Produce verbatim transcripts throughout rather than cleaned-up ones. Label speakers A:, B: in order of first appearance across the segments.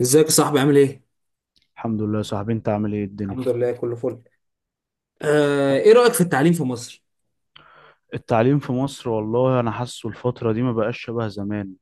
A: ازيك يا صاحبي عامل ايه؟
B: الحمد لله يا صاحبي، انت عامل ايه الدنيا؟
A: الحمد لله كله فل. آه، ايه رأيك في التعليم في مصر؟
B: التعليم في مصر والله انا حاسه الفترة دي ما بقاش شبه زمان.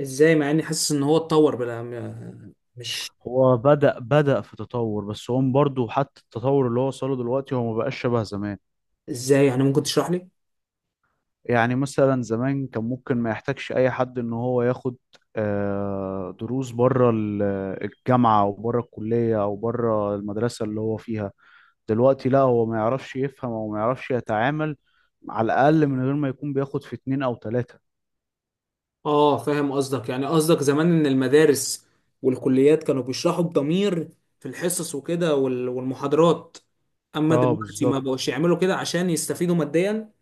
A: ازاي مع اني حاسس ان هو اتطور بلا م- مش.
B: هو بدأ بدأ في تطور، بس هو برضه حتى التطور اللي هو وصله دلوقتي هو ما بقاش شبه زمان.
A: ازاي يعني ممكن تشرح لي؟
B: يعني مثلا زمان كان ممكن ما يحتاجش اي حد ان هو ياخد آه، دروس بره ال- الجامعة او بره الكلية او بره المدرسة اللي هو فيها. دلوقتي لا، هو ما يعرفش يفهم او ما يعرفش يتعامل، على الاقل من غير ما يكون بياخد في اتنين او تلاتة.
A: اه فاهم قصدك، يعني قصدك زمان ان المدارس والكليات كانوا بيشرحوا بضمير في الحصص وكده وال- والمحاضرات، اما
B: اه
A: دلوقتي ما بقوش
B: بالظبط.
A: يعملوا كده عشان يستفيدوا ماديا.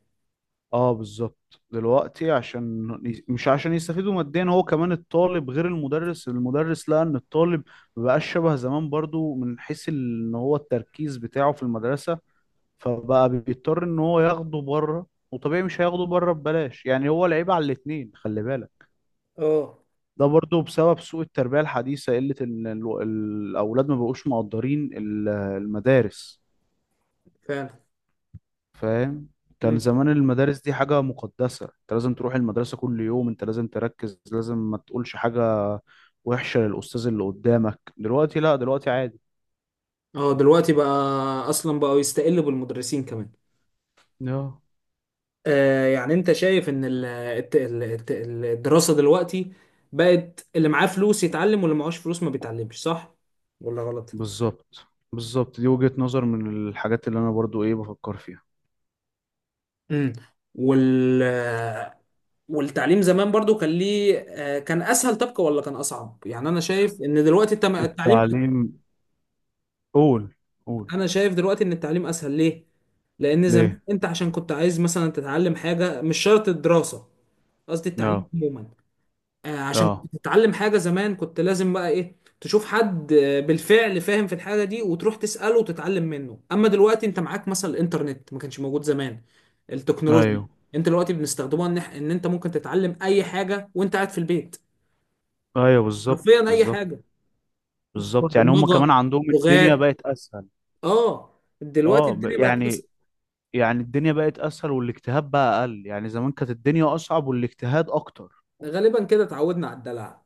B: اه بالظبط دلوقتي عشان مش عشان يستفيدوا ماديا، هو كمان الطالب غير المدرس المدرس لقى ان الطالب مبقاش شبه زمان برضو من حيث ان هو التركيز بتاعه في المدرسة، فبقى بيضطر ان هو ياخده بره، وطبيعي مش هياخده بره ببلاش، يعني هو لعيب على الاتنين خلي بالك.
A: اه
B: ده برضو بسبب سوء التربية الحديثة، قلة ان ال- الاولاد ما بقوش مقدرين ال- المدارس.
A: فعلا.
B: فاهم. كان
A: مم.
B: زمان المدارس دي حاجة مقدسة، انت لازم تروح المدرسة كل يوم، انت لازم تركز، لازم ما تقولش حاجة وحشة للأستاذ اللي قدامك. دلوقتي لا، دلوقتي عادي.
A: اه دلوقتي بقى اصلا بقوا يستقلوا بالمدرسين كمان.
B: اه
A: آه، يعني انت شايف ان ال- الت- ال- الت- ال- الدراسة دلوقتي بقت اللي معاه فلوس يتعلم واللي معهوش فلوس ما بيتعلمش، صح ولا غلط؟
B: بالظبط. بالظبط، دي وجهة نظر من الحاجات اللي انا برضو ايه بفكر فيها.
A: امم. وال آه، والتعليم زمان برضو كان ليه، آه، كان اسهل طبقة ولا كان اصعب؟ يعني انا شايف ان دلوقتي التم- التعليم،
B: التعليم. قول قول.
A: انا شايف دلوقتي ان التعليم اسهل. ليه؟ لان زمان
B: ليه.
A: انت عشان كنت عايز مثلا تتعلم حاجة مش شرط الدراسة، قصدي التعليم
B: اه
A: عموما. آه، عشان
B: اه.
A: كنت تتعلم حاجة زمان كنت لازم بقى ايه، تشوف حد آه، بالفعل فاهم في الحاجة دي وتروح تسأله وتتعلم منه، اما دلوقتي انت معاك مثلا الانترنت، ما كانش موجود زمان. التكنولوجيا
B: ايوه
A: انت دلوقتي بنستخدمها ان إح- إن انت ممكن تتعلم اي حاجة وانت قاعد في البيت،
B: ايوه. بالظبط
A: حرفيا اي
B: بالظبط
A: حاجة.
B: بالظبط. يعني هم كمان
A: برمجة،
B: عندهم الدنيا
A: لغات.
B: بقت اسهل.
A: اه دلوقتي
B: اه ب-
A: الدنيا بقت بس.
B: يعني يعني الدنيا بقت اسهل والاجتهاد بقى اقل، يعني زمان كانت الدنيا اصعب والاجتهاد اكتر.
A: غالبا كده اتعودنا على الدلع.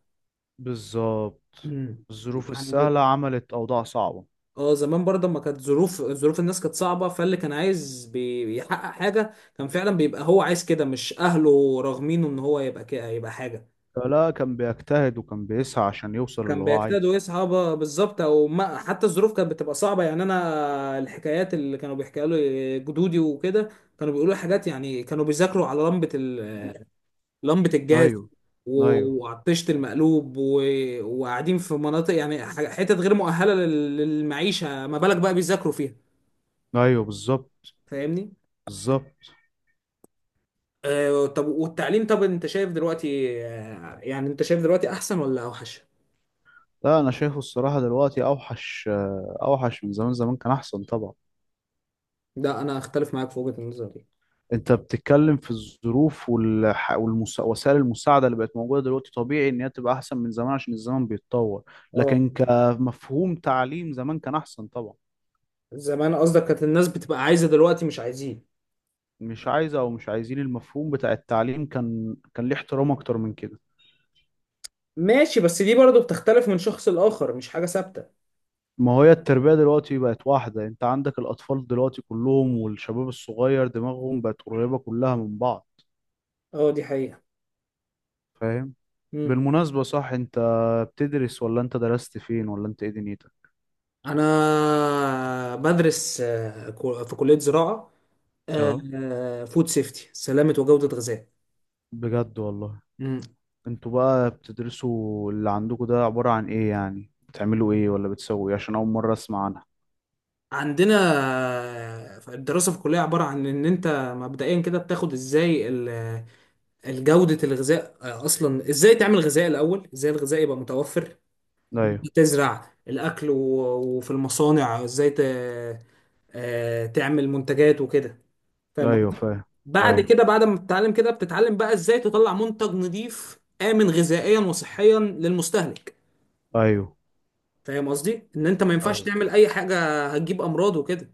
B: بالظبط. الظروف
A: يعني
B: السهلة عملت اوضاع صعبة.
A: اه زمان برضه ما كانت ظروف، ظروف الناس كانت صعبة، فاللي كان عايز بي- بيحقق حاجة كان فعلا بيبقى هو عايز كده، مش أهله راغمينه إن هو يبقى كده يبقى حاجة.
B: فلا كان بيجتهد وكان بيسعى عشان يوصل
A: كان
B: اللي هو
A: بيجتهد
B: عايزه.
A: ويسعى ب- بالظبط، أو ما حتى الظروف كانت بتبقى صعبة. يعني أنا الحكايات اللي كانوا بيحكيها لي جدودي وكده، كانوا بيقولوا حاجات، يعني كانوا بيذاكروا على لمبة ال... لمبة الجاز،
B: ايوه
A: و-
B: ايوه
A: وعلى الطشت المقلوب و... وقاعدين في مناطق يعني ح- حتت غير مؤهلة لل- للمعيشة، ما بالك بقى بيذاكروا فيها.
B: ايوه. بالظبط
A: فاهمني؟
B: بالظبط.
A: آه، طب والتعليم، طب انت شايف دلوقتي، آه، يعني انت شايف دلوقتي احسن ولا اوحش؟
B: لا، انا شايفه الصراحة دلوقتي اوحش، آه، اوحش من زمان. زمان كان احسن طبعا.
A: لا انا اختلف معاك في وجهة النظر دي.
B: انت بتتكلم في الظروف والح... والمس... وسائل المساعده اللي بقت موجوده دلوقتي، طبيعي ان هي تبقى احسن من زمان عشان الزمن بيتطور.
A: اه
B: لكن كمفهوم تعليم، زمان كان احسن طبعا.
A: زمان قصدك كانت الناس بتبقى عايزة، دلوقتي مش عايزين.
B: مش عايزه او مش عايزين. المفهوم بتاع التعليم كان كان ليه احترام اكتر من كده.
A: ماشي، بس دي برضو بتختلف من شخص لآخر، مش حاجة ثابتة.
B: ما هي التربيه دلوقتي بقت واحده، انت عندك الاطفال دلوقتي كلهم والشباب الصغير دماغهم بقت قريبه كلها من بعض.
A: اه دي حقيقة.
B: فاهم.
A: مم.
B: بالمناسبه صح، انت بتدرس ولا انت درست فين ولا انت ايه دنيتك؟
A: انا بدرس آه، كو- في كلية زراعة،
B: اه.
A: فود سيفتي، سلامة وجودة غذاء.
B: بجد والله.
A: مم.
B: انتوا بقى بتدرسوا اللي عندكم ده عبارة عن ايه؟ يعني بتعملوا ايه ولا بتسووا ايه؟ عشان اول مرة اسمع عنها.
A: عندنا آه، الدراسة في الكلية عبارة عن ان انت مبدئيا كده بتاخد ازاي جودة الغذاء، آه، أصلا إزاي تعمل غذاء الأول، إزاي الغذاء يبقى متوفر،
B: ايوه
A: تزرع الأكل و- وفي المصانع إزاي ت... آه، تعمل منتجات وكده. فاهم
B: ايوه
A: قصدي؟
B: فاهم.
A: بعد
B: ايوه
A: كده بعد ما بتتعلم كده بتتعلم بقى إزاي تطلع منتج نظيف آمن غذائيا وصحيا للمستهلك.
B: ايوه.
A: فاهم قصدي إن أنت ما ينفعش
B: ايوه
A: تعمل أي حاجة هتجيب أمراض وكده،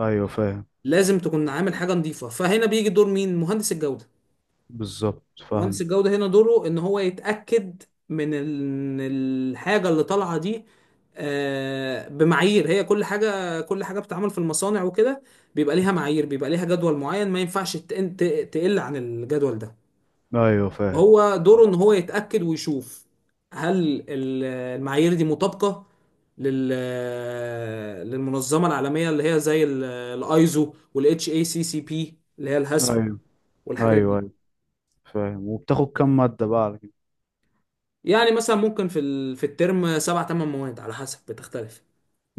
B: ايوه فاهم.
A: لازم تكون عامل حاجة نظيفة. فهنا بيجي دور مين؟ مهندس الجودة.
B: بالظبط
A: مهندس
B: فاهم.
A: الجودة هنا دوره ان هو يتأكد من ال- إن الحاجة اللي طالعة دي آه، بمعايير، هي كل حاجة، كل حاجة بتتعمل في المصانع وكده بيبقى ليها معايير، بيبقى ليها جدول معين ما ينفعش ت- ت- تقل عن الجدول ده.
B: ايوه فاهم.
A: هو دوره ان هو يتأكد ويشوف هل ال- المعايير دي مطابقة لل للمنظمة العالمية اللي هي زي الايزو والاتش اي سي سي بي اللي هي الهاسب،
B: ايوه
A: والحاجات
B: ايوه.
A: دي.
B: ايوه فاهم. وبتاخد كام مادة بقى على كده؟
A: يعني مثلا ممكن في ال... في الترم سبع تمن مواد على حسب، بتختلف.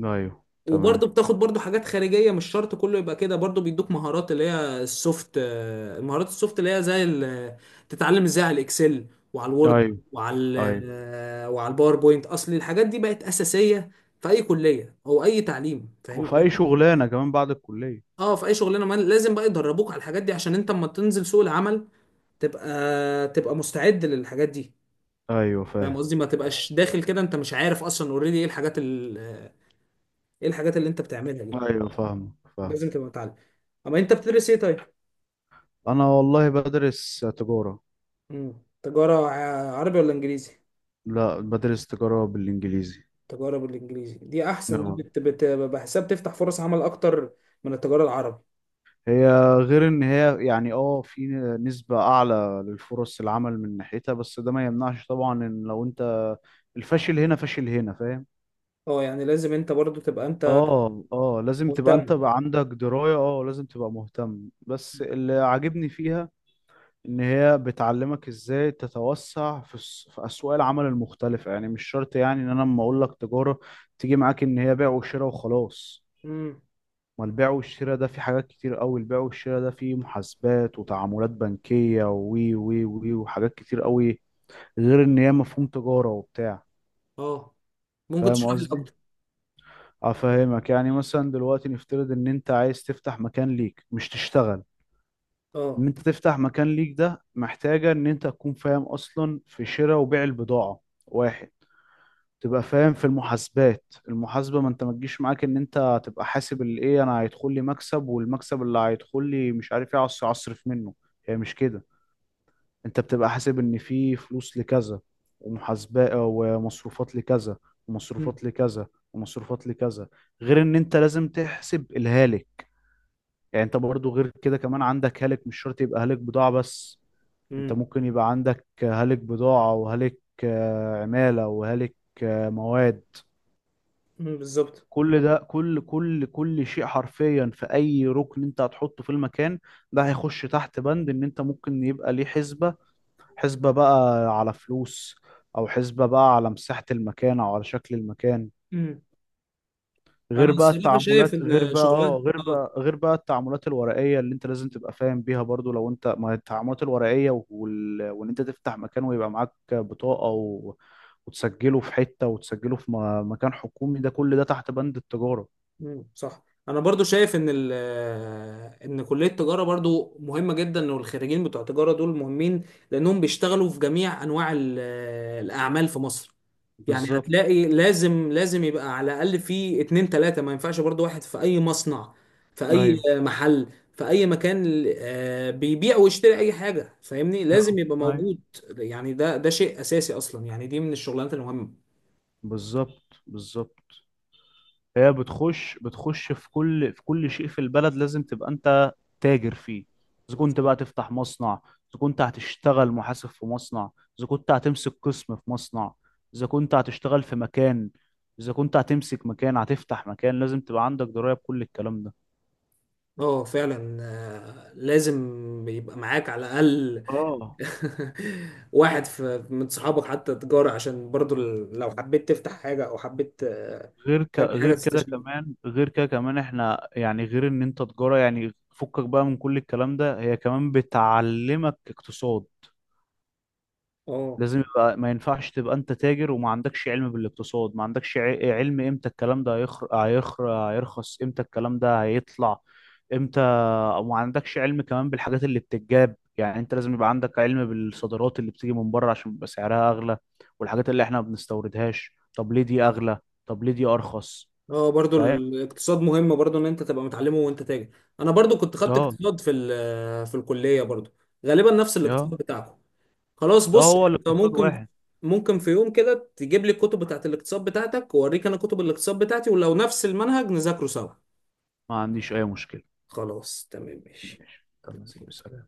B: ايوه تمام.
A: وبرضه بتاخد برضه حاجات خارجية، مش شرط كله يبقى كده، برضه بيدوك مهارات اللي هي السوفت، آه، المهارات السوفت اللي هي زي ال... تتعلم ازاي على الاكسل وعلى الوورد
B: ايوه
A: وعلى ال...
B: ايوه.
A: آه، وعلى الباوربوينت. اصل الحاجات دي بقت أساسية في اي كلية او اي تعليم، فاهم
B: وفي اي
A: قصدي؟
B: شغلانة كمان بعد الكلية.
A: اه في اي شغلانة، ما لازم بقى يدربوك على الحاجات دي عشان انت اما تنزل سوق العمل تبقى تبقى مستعد للحاجات دي.
B: ايوه
A: فاهم
B: فاهم.
A: قصدي، ما تبقاش داخل كده انت مش عارف اصلا اوريدي ايه الحاجات ال- ايه الحاجات اللي انت بتعملها دي.
B: ايوه فاهم فاهم.
A: لازم تبقى متعلم. اما انت بتدرس ايه طيب؟
B: انا والله بدرس تجارة.
A: مم. تجارة ع- عربي ولا انجليزي؟
B: لا، بدرس تجارة بالانجليزي.
A: تجارة بالانجليزي، دي احسن، دي
B: نعم.
A: بت... بت... بحساب تفتح فرص عمل اكتر من التجارة العربي.
B: هي غير ان هي يعني اه في نسبة اعلى للفرص العمل من ناحيتها، بس ده ما يمنعش طبعا ان لو انت الفاشل هنا فاشل هنا، فاهم.
A: اه يعني لازم انت برضو تبقى انت
B: اه اه، لازم تبقى انت
A: مهتم.
B: بقى عندك دراية، اه لازم تبقى مهتم. بس اللي عاجبني فيها ان هي بتعلمك ازاي تتوسع في الس- في اسواق العمل المختلفة. يعني مش شرط يعني ان انا لما اقول لك تجارة تيجي معاك ان هي بيع وشراء وخلاص.
A: امم.
B: ما البيع والشراء ده في حاجات كتير قوي، البيع والشراء ده فيه محاسبات وتعاملات بنكية وي وي وي وحاجات كتير قوي. غير ان هي مفهوم تجارة وبتاع،
A: اه ممكن
B: فاهم
A: تشرح لي
B: قصدي؟
A: اكتر.
B: افهمك. يعني مثلا دلوقتي نفترض ان انت عايز تفتح مكان ليك مش تشتغل.
A: اه.
B: ان انت تفتح مكان ليك ده محتاجة ان انت تكون فاهم اصلا في شراء وبيع البضاعة، واحد. تبقى فاهم في المحاسبات. المحاسبة، ما انت ما تجيش معاك ان انت تبقى حاسب الايه انا هيدخل لي مكسب، والمكسب اللي هيدخل لي مش عارف ايه اصرف اصرف منه. هي مش كده. انت بتبقى حاسب ان في فلوس لكذا، ومحاسبة ومصروفات لكذا،
A: امم.
B: ومصروفات لكذا، ومصروفات لكذا. غير ان انت لازم تحسب الهالك. يعني انت برضو غير كده كمان عندك هالك. مش شرط يبقى هالك بضاعة بس، انت
A: امم.
B: ممكن يبقى عندك هالك بضاعة وهالك آه، عمالة وهالك آه، مواد.
A: بالظبط.
B: كل ده، كل كل كل شيء حرفيا، في اي ركن انت هتحطه في المكان ده، هيخش تحت بند ان انت ممكن يبقى ليه حسبة. حسبة بقى على فلوس، او حسبة بقى على مساحة المكان، او على شكل المكان.
A: مم. انا
B: غير بقى
A: الصراحة شايف
B: التعاملات، غير
A: ان
B: بقى اه
A: شغلانة،
B: غير
A: اه.
B: بقى غير بقى التعاملات الورقية اللي انت لازم تبقى فاهم بيها برضو. لو انت ما هي التعاملات الورقية وال... وان انت تفتح مكان ويبقى معاك بطاقة و... وتسجله في حتة، وتسجله في م- مكان حكومي، ده كل ده تحت بند التجارة.
A: مم، صح. انا برضو شايف ان ال آه، ان كليه التجاره برضو مهمه جدا، والخريجين بتوع التجاره دول مهمين لانهم بيشتغلوا في جميع انواع ال- آه، الاعمال في مصر. يعني
B: بالظبط.
A: هتلاقي لازم لازم يبقى على الاقل في اتنين تلاته، ما ينفعش برضو واحد. في اي مصنع، في اي
B: ايوه،
A: محل، في اي مكان آه، بيبيع ويشتري اي حاجه، فاهمني،
B: آه،
A: لازم يبقى
B: ايوه.
A: موجود. يعني ده ده شيء اساسي اصلا، يعني دي من الشغلانات المهمه.
B: بالظبط بالظبط. هي بتخش بتخش في كل في كل شيء في البلد. لازم تبقى انت تاجر فيه. اذا كنت
A: بالظبط.
B: بقى تفتح مصنع، اذا كنت هتشتغل محاسب في مصنع، اذا كنت هتمسك قسم في مصنع، اذا كنت هتشتغل في مكان، اذا كنت هتمسك مكان، هتفتح مكان، لازم تبقى عندك دراية بكل الكلام ده.
A: اه فعلا، آه، لازم يبقى معاك على الاقل
B: اه.
A: واحد في من صحابك حتى تجاري، عشان برضو ال- لو حبيت تفتح حاجة او حبيت آه،
B: غير ك...
A: تعمل حاجة
B: غير كده
A: تستشير.
B: كمان غير كده كمان احنا يعني غير ان انت تجارة يعني فكك بقى من كل الكلام ده، هي كمان بتعلمك اقتصاد.
A: اه.
B: لازم يبقى، ما ينفعش تبقى انت تاجر وما عندكش علم بالاقتصاد، ما عندكش ع- علم امتى الكلام ده هيخر... هيخر... هيرخص، امتى الكلام ده هيطلع، امتى. وما عندكش علم كمان بالحاجات اللي بتتجاب. يعني انت لازم يبقى عندك علم بالصادرات اللي بتيجي من بره عشان بيبقى سعرها اغلى، والحاجات اللي احنا ما بنستوردهاش، طب ليه دي اغلى، طب ليه دي ارخص.
A: اه برضو
B: فاهم.
A: الاقتصاد مهم، برضو ان انت تبقى متعلمه وانت تاجر. انا برضو كنت خدت
B: اه
A: اقتصاد في ال- في الكلية برضو، غالبا نفس الاقتصاد
B: اه
A: بتاعكم. خلاص
B: اه،
A: بص
B: هو
A: انت
B: الاقتصاد
A: ممكن،
B: واحد.
A: ممكن في يوم كده تجيب لي الكتب بتاعت الاقتصاد بتاعتك واوريك انا كتب الاقتصاد بتاعتي، ولو نفس المنهج نذاكره سوا.
B: ما عنديش اي مشكلة.
A: خلاص تمام. ماشي.
B: تمام سلام.